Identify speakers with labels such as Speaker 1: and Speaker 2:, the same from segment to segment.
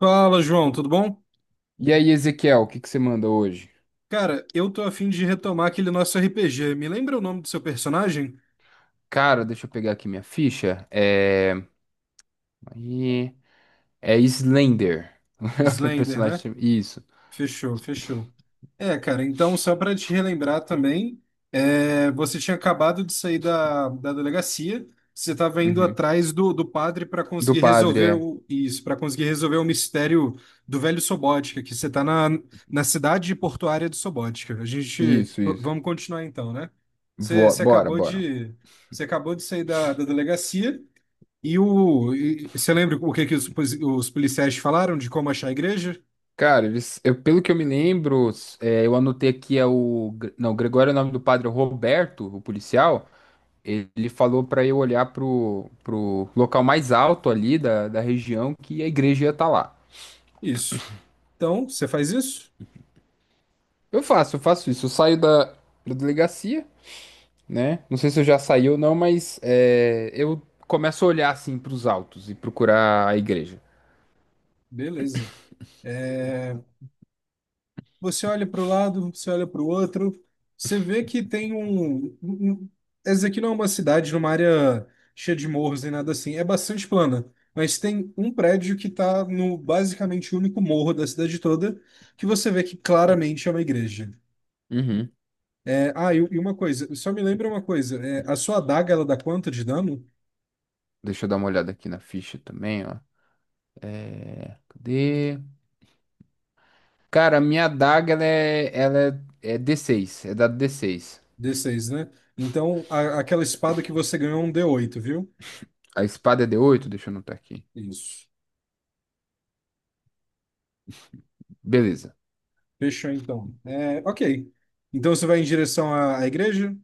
Speaker 1: Fala, João, tudo bom?
Speaker 2: E aí, Ezequiel, o que que você manda hoje?
Speaker 1: Cara, eu tô a fim de retomar aquele nosso RPG. Me lembra o nome do seu personagem?
Speaker 2: Cara, deixa eu pegar aqui minha ficha. É. Aí, é Slender. O
Speaker 1: Slender,
Speaker 2: personagem.
Speaker 1: né?
Speaker 2: Isso.
Speaker 1: Fechou, fechou. É, cara, então só para te relembrar também, você tinha acabado de sair da delegacia, você estava indo
Speaker 2: Uhum.
Speaker 1: atrás do padre para
Speaker 2: Do
Speaker 1: conseguir
Speaker 2: padre,
Speaker 1: resolver
Speaker 2: é.
Speaker 1: para conseguir resolver o mistério do velho Sobótica, que você está na cidade portuária de Sobótica.
Speaker 2: Isso, isso.
Speaker 1: Vamos continuar então, né? Você
Speaker 2: Bora,
Speaker 1: acabou
Speaker 2: bora.
Speaker 1: você acabou de sair da delegacia e você lembra o que que os policiais te falaram de como achar a igreja?
Speaker 2: Cara, pelo que eu me lembro, eu anotei aqui é o. Não, Gregório é o nome do padre, é Roberto, o policial. Ele falou pra eu olhar pro local mais alto ali da região que a igreja ia estar lá.
Speaker 1: Isso. Então, você faz isso?
Speaker 2: Eu faço isso. Eu saio da delegacia. Né? Não sei se eu já saí ou não, mas eu começo a olhar assim para os altos e procurar a igreja.
Speaker 1: Beleza. É, você olha para o lado, você olha para o outro, você vê que tem essa aqui não é uma cidade numa área cheia de morros nem nada assim, é bastante plana, mas tem um prédio que está no basicamente o único morro da cidade toda, que você vê que claramente é uma igreja.
Speaker 2: Uhum.
Speaker 1: E uma coisa, só me lembra uma coisa, a sua adaga ela dá quanto de dano?
Speaker 2: Deixa eu dar uma olhada aqui na ficha também, ó. Cadê? Cara, a minha adaga ela é d6, é dado d6.
Speaker 1: D seis, né? Então, aquela espada que você ganhou é um d oito, viu?
Speaker 2: A espada é d8. Deixa eu anotar aqui.
Speaker 1: Isso.
Speaker 2: Beleza.
Speaker 1: Fechou então. É, ok. Então você vai em direção à igreja?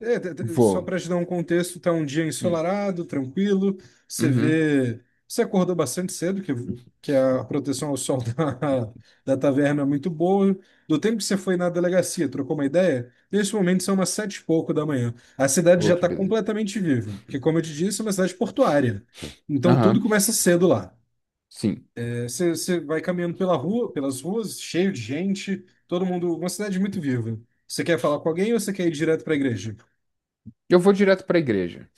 Speaker 1: Só
Speaker 2: Vou.
Speaker 1: para te dar um contexto, tá um dia
Speaker 2: Hum.
Speaker 1: ensolarado, tranquilo. Você
Speaker 2: Uhum.
Speaker 1: vê. Você acordou bastante cedo, que a proteção ao sol da taverna é muito boa. Do tempo que você foi na delegacia, trocou uma ideia? Nesse momento são umas sete e pouco da manhã. A cidade
Speaker 2: Oh,
Speaker 1: já
Speaker 2: que
Speaker 1: está
Speaker 2: beleza.
Speaker 1: completamente viva, porque, como eu te disse, é uma cidade portuária. Então tudo
Speaker 2: Aham.
Speaker 1: começa cedo lá.
Speaker 2: Sim.
Speaker 1: É, Você, você vai caminhando pela rua, pelas ruas, cheio de gente, todo mundo, uma cidade muito viva. Você quer falar com alguém ou você quer ir direto para a igreja?
Speaker 2: Eu vou direto para a igreja.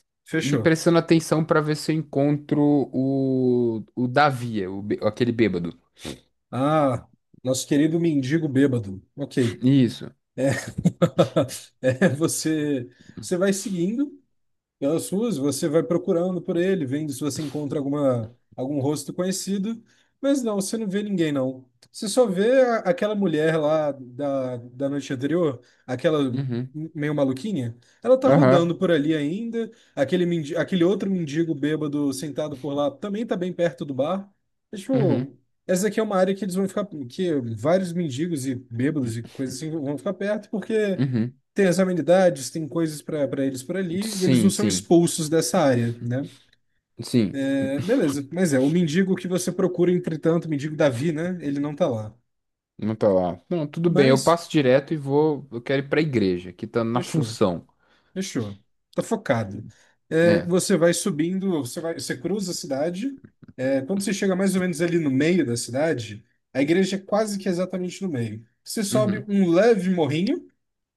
Speaker 2: E
Speaker 1: Fechou.
Speaker 2: prestando atenção para ver se eu encontro o Davi, aquele bêbado.
Speaker 1: Ah, nosso querido mendigo bêbado. Ok.
Speaker 2: Isso.
Speaker 1: É, você vai seguindo pelas suas, você vai procurando por ele, vendo se você encontra algum rosto conhecido, mas não, você não vê ninguém, não. Você só vê aquela mulher lá da noite anterior, aquela
Speaker 2: Uhum.
Speaker 1: meio maluquinha, ela tá rodando
Speaker 2: Aham.
Speaker 1: por ali ainda, aquele outro mendigo bêbado sentado por lá também tá bem perto do bar. É,
Speaker 2: Uhum.
Speaker 1: tipo, essa aqui é uma área que eles vão ficar, que vários mendigos e bêbados e coisas assim vão ficar perto, porque
Speaker 2: Uhum.
Speaker 1: tem as amenidades, tem coisas para eles por ali, e eles não
Speaker 2: Sim,
Speaker 1: são
Speaker 2: sim.
Speaker 1: expulsos dessa área, né?
Speaker 2: Sim.
Speaker 1: É, beleza, mas é, o mendigo que você procura, entretanto, o mendigo Davi, né? Ele não tá lá.
Speaker 2: Não tá lá. Não, tudo bem. Eu
Speaker 1: Mas,
Speaker 2: passo direto e vou. Eu quero ir pra igreja, que tá na
Speaker 1: fechou,
Speaker 2: função.
Speaker 1: fechou. Tá focado. É,
Speaker 2: É.
Speaker 1: você vai subindo, você vai, você cruza a cidade. É, quando você chega mais ou menos ali no meio da cidade, a igreja é quase que exatamente no meio. Você sobe
Speaker 2: Uhum.
Speaker 1: um leve morrinho,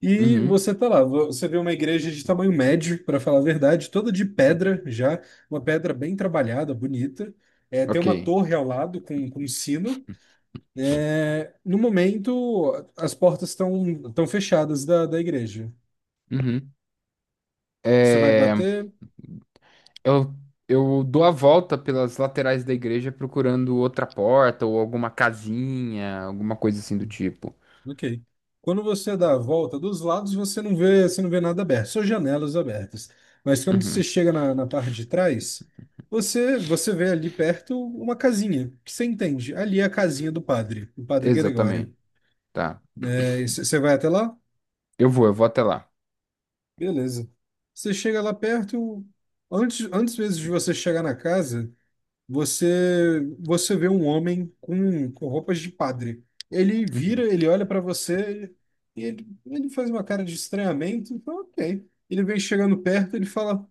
Speaker 1: e
Speaker 2: Uhum.
Speaker 1: você tá lá, você vê uma igreja de tamanho médio, para falar a verdade, toda de pedra já, uma pedra bem trabalhada, bonita. É, tem
Speaker 2: Ok.
Speaker 1: uma torre ao lado com um sino. É, no momento, as portas estão fechadas da igreja.
Speaker 2: Uhum.
Speaker 1: Você vai
Speaker 2: É,
Speaker 1: bater.
Speaker 2: eu, eu dou a volta pelas laterais da igreja procurando outra porta ou alguma casinha, alguma coisa assim do tipo.
Speaker 1: Ok. Quando você dá a volta dos lados, você não vê nada aberto, só janelas abertas. Mas quando você
Speaker 2: Uhum.
Speaker 1: chega na parte de trás, você vê ali perto uma casinha, que você entende. Ali é a casinha do padre Gregório.
Speaker 2: Exatamente. Tá.
Speaker 1: Você vai até lá?
Speaker 2: Eu vou até lá.
Speaker 1: Beleza. Você chega lá perto, antes, antes mesmo de você chegar na casa, você vê um homem com roupas de padre. Ele vira,
Speaker 2: Uhum.
Speaker 1: ele olha para você e ele faz uma cara de estranhamento. Então, ok. Ele vem chegando perto, ele fala: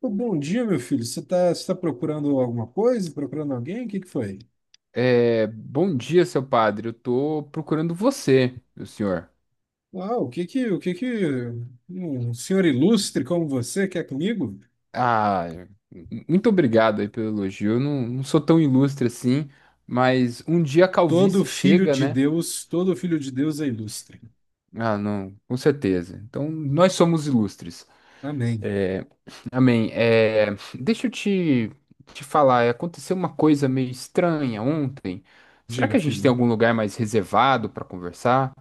Speaker 1: "Pô, bom dia, meu filho. Você tá procurando alguma coisa? Procurando alguém? O que que foi?
Speaker 2: Bom dia, seu padre. Eu tô procurando você, meu senhor.
Speaker 1: O que que um senhor ilustre como você quer comigo?
Speaker 2: Ah, muito obrigado aí pelo elogio. Eu não sou tão ilustre assim, mas um dia a
Speaker 1: Todo
Speaker 2: calvície
Speaker 1: filho
Speaker 2: chega,
Speaker 1: de
Speaker 2: né?
Speaker 1: Deus, todo filho de Deus é ilustre.
Speaker 2: Ah, não, com certeza. Então, nós somos ilustres.
Speaker 1: Amém.
Speaker 2: É, Amém. Deixa eu te falar, aconteceu uma coisa meio estranha ontem. Será
Speaker 1: Diga,
Speaker 2: que a gente tem
Speaker 1: filho.
Speaker 2: algum lugar mais reservado para conversar?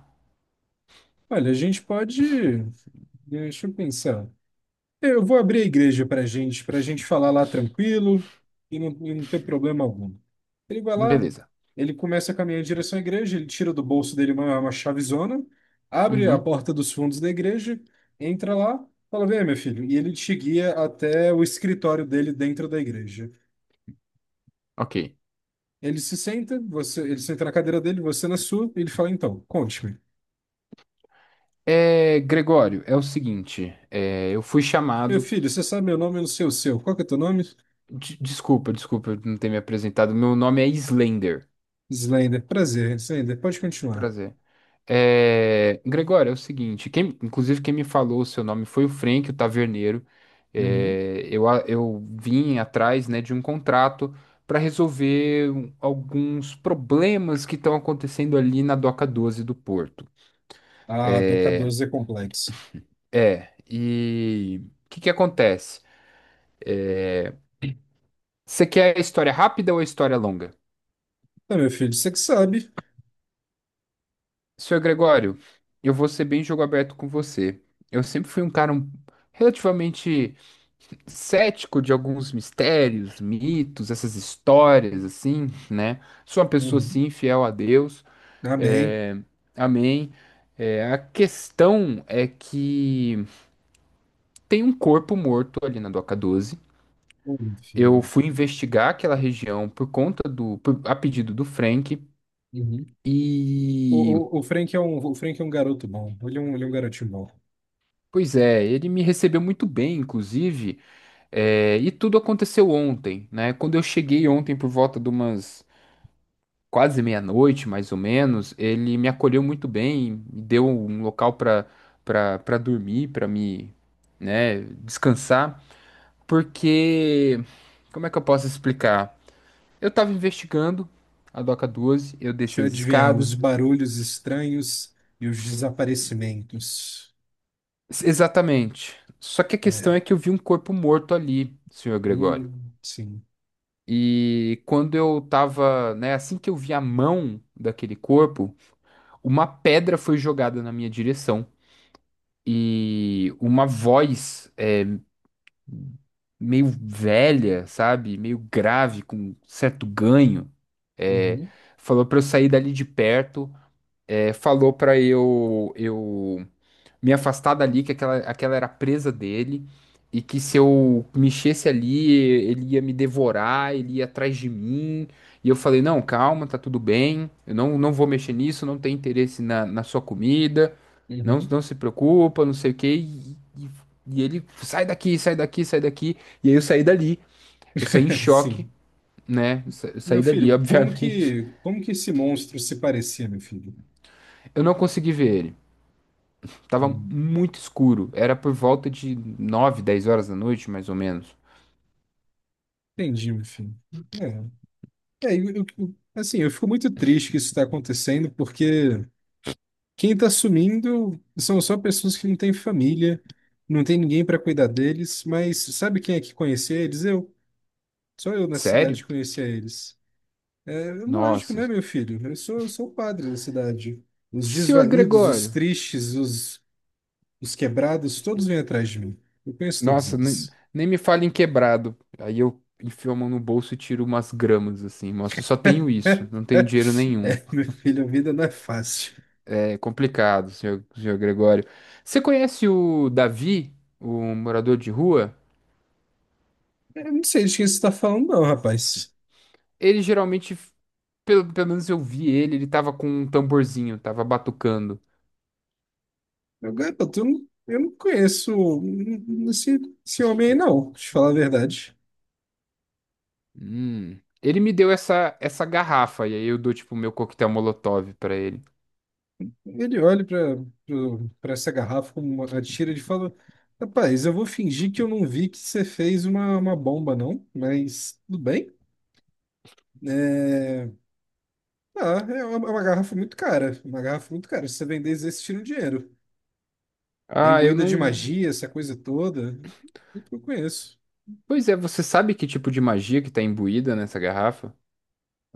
Speaker 1: Olha, a gente pode, deixa eu pensar. Eu vou abrir a igreja para gente, para a gente falar lá tranquilo e não ter problema algum." Ele vai lá,
Speaker 2: Beleza.
Speaker 1: ele começa a caminhar em direção à igreja, ele tira do bolso dele uma chavezona, abre a
Speaker 2: Uhum,
Speaker 1: porta dos fundos da igreja, entra lá, fala: "Vem, meu filho." E ele te guia até o escritório dele dentro da igreja.
Speaker 2: ok.
Speaker 1: Ele se senta, ele senta na cadeira dele, você na sua, e ele fala: "Então, conte-me.
Speaker 2: Gregório, é o seguinte, eu fui
Speaker 1: Meu
Speaker 2: chamado.
Speaker 1: filho, você sabe meu nome, eu não sei o seu. Qual que é teu nome?
Speaker 2: Desculpa eu não ter me apresentado. Meu nome é Slender.
Speaker 1: Slender. Prazer, Slender. Pode continuar."
Speaker 2: Prazer. Gregório, é o seguinte: quem, inclusive, quem me falou o seu nome foi o Frank, o taverneiro. Eu vim atrás, né, de um contrato para resolver alguns problemas que estão acontecendo ali na Doca 12 do Porto.
Speaker 1: Ah, Doca 12 é complexa.
Speaker 2: E o que que acontece? Você quer a história rápida ou a história longa?
Speaker 1: Ah, meu filho, você que sabe.
Speaker 2: Senhor Gregório, eu vou ser bem jogo aberto com você. Eu sempre fui um cara relativamente cético de alguns mistérios, mitos, essas histórias, assim, né? Sou uma pessoa,
Speaker 1: Uhum.
Speaker 2: assim, fiel a Deus.
Speaker 1: Amém.
Speaker 2: é, Amém. A questão é que tem um corpo morto ali na Doca 12.
Speaker 1: Ô, meu
Speaker 2: Eu
Speaker 1: filho.
Speaker 2: fui investigar aquela região por conta do... por- a pedido do Frank.
Speaker 1: Uhum.
Speaker 2: E...
Speaker 1: O Frank é um, o Frank é um garoto bom. Ele é um garotinho bom.
Speaker 2: Pois é, ele me recebeu muito bem, inclusive. E tudo aconteceu ontem, né? Quando eu cheguei ontem por volta de umas quase meia-noite, mais ou menos, ele me acolheu muito bem, me deu um local para dormir, para me, né, descansar, porque como é que eu posso explicar? Eu estava investigando a Doca 12, eu
Speaker 1: Deixa
Speaker 2: desci
Speaker 1: eu
Speaker 2: as
Speaker 1: adivinhar, os
Speaker 2: escadas.
Speaker 1: barulhos estranhos e os desaparecimentos.
Speaker 2: Exatamente. Só que a questão é
Speaker 1: É.
Speaker 2: que eu vi um corpo morto ali, senhor Gregório.
Speaker 1: Sim.
Speaker 2: E quando eu tava, né, assim que eu vi a mão daquele corpo, uma pedra foi jogada na minha direção. E uma voz, meio velha, sabe? Meio grave, com certo ganho, é,
Speaker 1: Uhum.
Speaker 2: falou pra eu sair dali de perto, falou pra eu me afastar dali, que aquela era a presa dele, e que se eu mexesse ali, ele ia me devorar, ele ia atrás de mim. E eu falei: não, calma, tá tudo bem, eu não vou mexer nisso, não tenho interesse na sua comida, não,
Speaker 1: Uhum.
Speaker 2: não se preocupa, não sei o quê. E ele: sai daqui, sai daqui, sai daqui! E aí eu saí dali, eu saí em choque,
Speaker 1: Sim.
Speaker 2: né? Eu
Speaker 1: Meu
Speaker 2: saí
Speaker 1: filho,
Speaker 2: dali, obviamente.
Speaker 1: como que esse monstro se parecia, meu filho?
Speaker 2: Eu não consegui ver ele. Tava
Speaker 1: Uhum.
Speaker 2: muito escuro. Era por volta de 9 10 horas da noite, mais ou menos.
Speaker 1: Entendi, meu filho. É. É, assim, eu fico muito triste que isso está acontecendo, porque quem tá sumindo são só pessoas que não têm família, não tem ninguém para cuidar deles, mas sabe quem é que conhecia eles? Eu. Só eu na
Speaker 2: Sério?
Speaker 1: cidade conhecia eles. É lógico,
Speaker 2: Nossa.
Speaker 1: né, meu filho? Eu sou o padre da cidade. Os
Speaker 2: Senhor
Speaker 1: desvalidos, os
Speaker 2: Gregório.
Speaker 1: tristes, os quebrados, todos vêm atrás de mim. Eu conheço todos
Speaker 2: Nossa, nem,
Speaker 1: eles.
Speaker 2: nem me fale em quebrado. Aí eu enfio a mão no bolso e tiro umas gramas, assim. Nossa, eu só tenho isso. Não tenho dinheiro nenhum.
Speaker 1: É, meu filho, a vida não é fácil.
Speaker 2: É complicado, senhor Gregório. Você conhece o Davi, o morador de rua?
Speaker 1: Eu não sei de quem você está falando, não, rapaz.
Speaker 2: Ele geralmente, pelo menos eu vi ele. Ele tava com um tamborzinho, tava batucando.
Speaker 1: Meu garoto, eu não conheço hum, esse, esse homem aí, não, pra te falar a verdade.
Speaker 2: Hum. Ele me deu essa garrafa, e aí eu dou, tipo, o meu coquetel Molotov pra ele.
Speaker 1: Ele olha pra essa garrafa com uma tira e fala: "Rapaz, eu vou fingir que eu não vi que você fez uma bomba, não, mas tudo bem. É, ah, é uma garrafa muito cara. Uma garrafa muito cara. Se você vender, eles tiram dinheiro. É
Speaker 2: Ah, eu
Speaker 1: imbuída de
Speaker 2: não.
Speaker 1: magia, essa coisa toda. Muito que eu conheço."
Speaker 2: Pois é, você sabe que tipo de magia que tá imbuída nessa garrafa?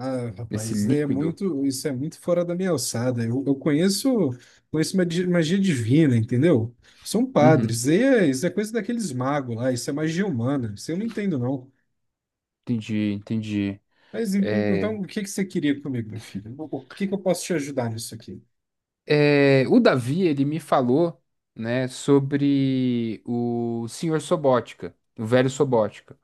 Speaker 1: Ah,
Speaker 2: Nesse
Speaker 1: rapaz, é
Speaker 2: líquido?
Speaker 1: muito, isso é muito fora da minha alçada. Eu conheço, conheço magia, magia divina, entendeu? São
Speaker 2: Uhum,
Speaker 1: padres. Isso é coisa daqueles magos lá, isso é magia humana. Isso eu não entendo, não.
Speaker 2: entendi, entendi.
Speaker 1: Mas
Speaker 2: É,
Speaker 1: então, o que que você queria comigo, meu filho? O que que eu posso te ajudar nisso aqui?
Speaker 2: o Davi, ele me falou, né, sobre o senhor Sobótica, o velho Sobótica.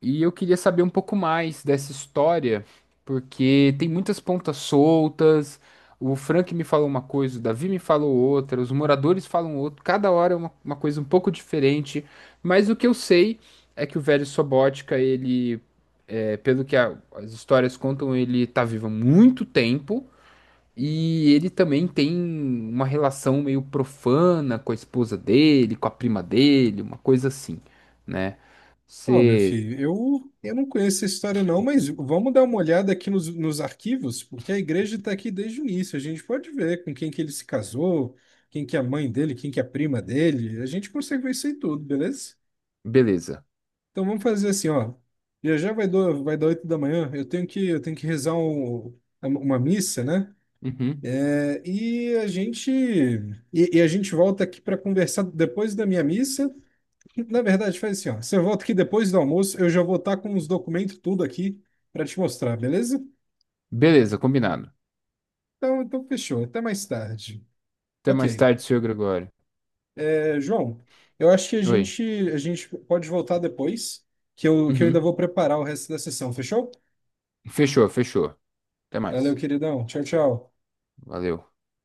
Speaker 2: E eu queria saber um pouco mais dessa história, porque tem muitas pontas soltas. O Frank me falou uma coisa, o Davi me falou outra, os moradores falam outra, cada hora é uma coisa um pouco diferente. Mas o que eu sei é que o velho Sobótica, pelo que as histórias contam, ele tá vivo há muito tempo. E ele também tem uma relação meio profana com a esposa dele, com a prima dele, uma coisa assim, né?
Speaker 1: Ó, meu filho, eu não conheço essa história não, mas vamos dar uma olhada aqui nos arquivos, porque a igreja está aqui desde o início. A gente pode ver com quem que ele se casou, quem que é a mãe dele, quem que é a prima dele. A gente consegue ver isso aí tudo, beleza?
Speaker 2: Beleza.
Speaker 1: Então vamos fazer assim, ó. Já já vai dar 8 da manhã, eu tenho que rezar uma missa, né?
Speaker 2: Uhum.
Speaker 1: É, e a gente volta aqui para conversar depois da minha missa. Na verdade, faz assim, ó. Você volta aqui depois do almoço, eu já vou estar com os documentos tudo aqui para te mostrar, beleza?
Speaker 2: Beleza, combinado.
Speaker 1: Então, então fechou. Até mais tarde.
Speaker 2: Até mais
Speaker 1: Ok.
Speaker 2: tarde, senhor Gregório.
Speaker 1: É, João, eu acho que
Speaker 2: Oi.
Speaker 1: a gente pode voltar depois, que eu ainda vou
Speaker 2: Uhum.
Speaker 1: preparar o resto da sessão, fechou?
Speaker 2: Fechou, fechou. Até
Speaker 1: Valeu,
Speaker 2: mais.
Speaker 1: queridão. Tchau, tchau.
Speaker 2: Valeu.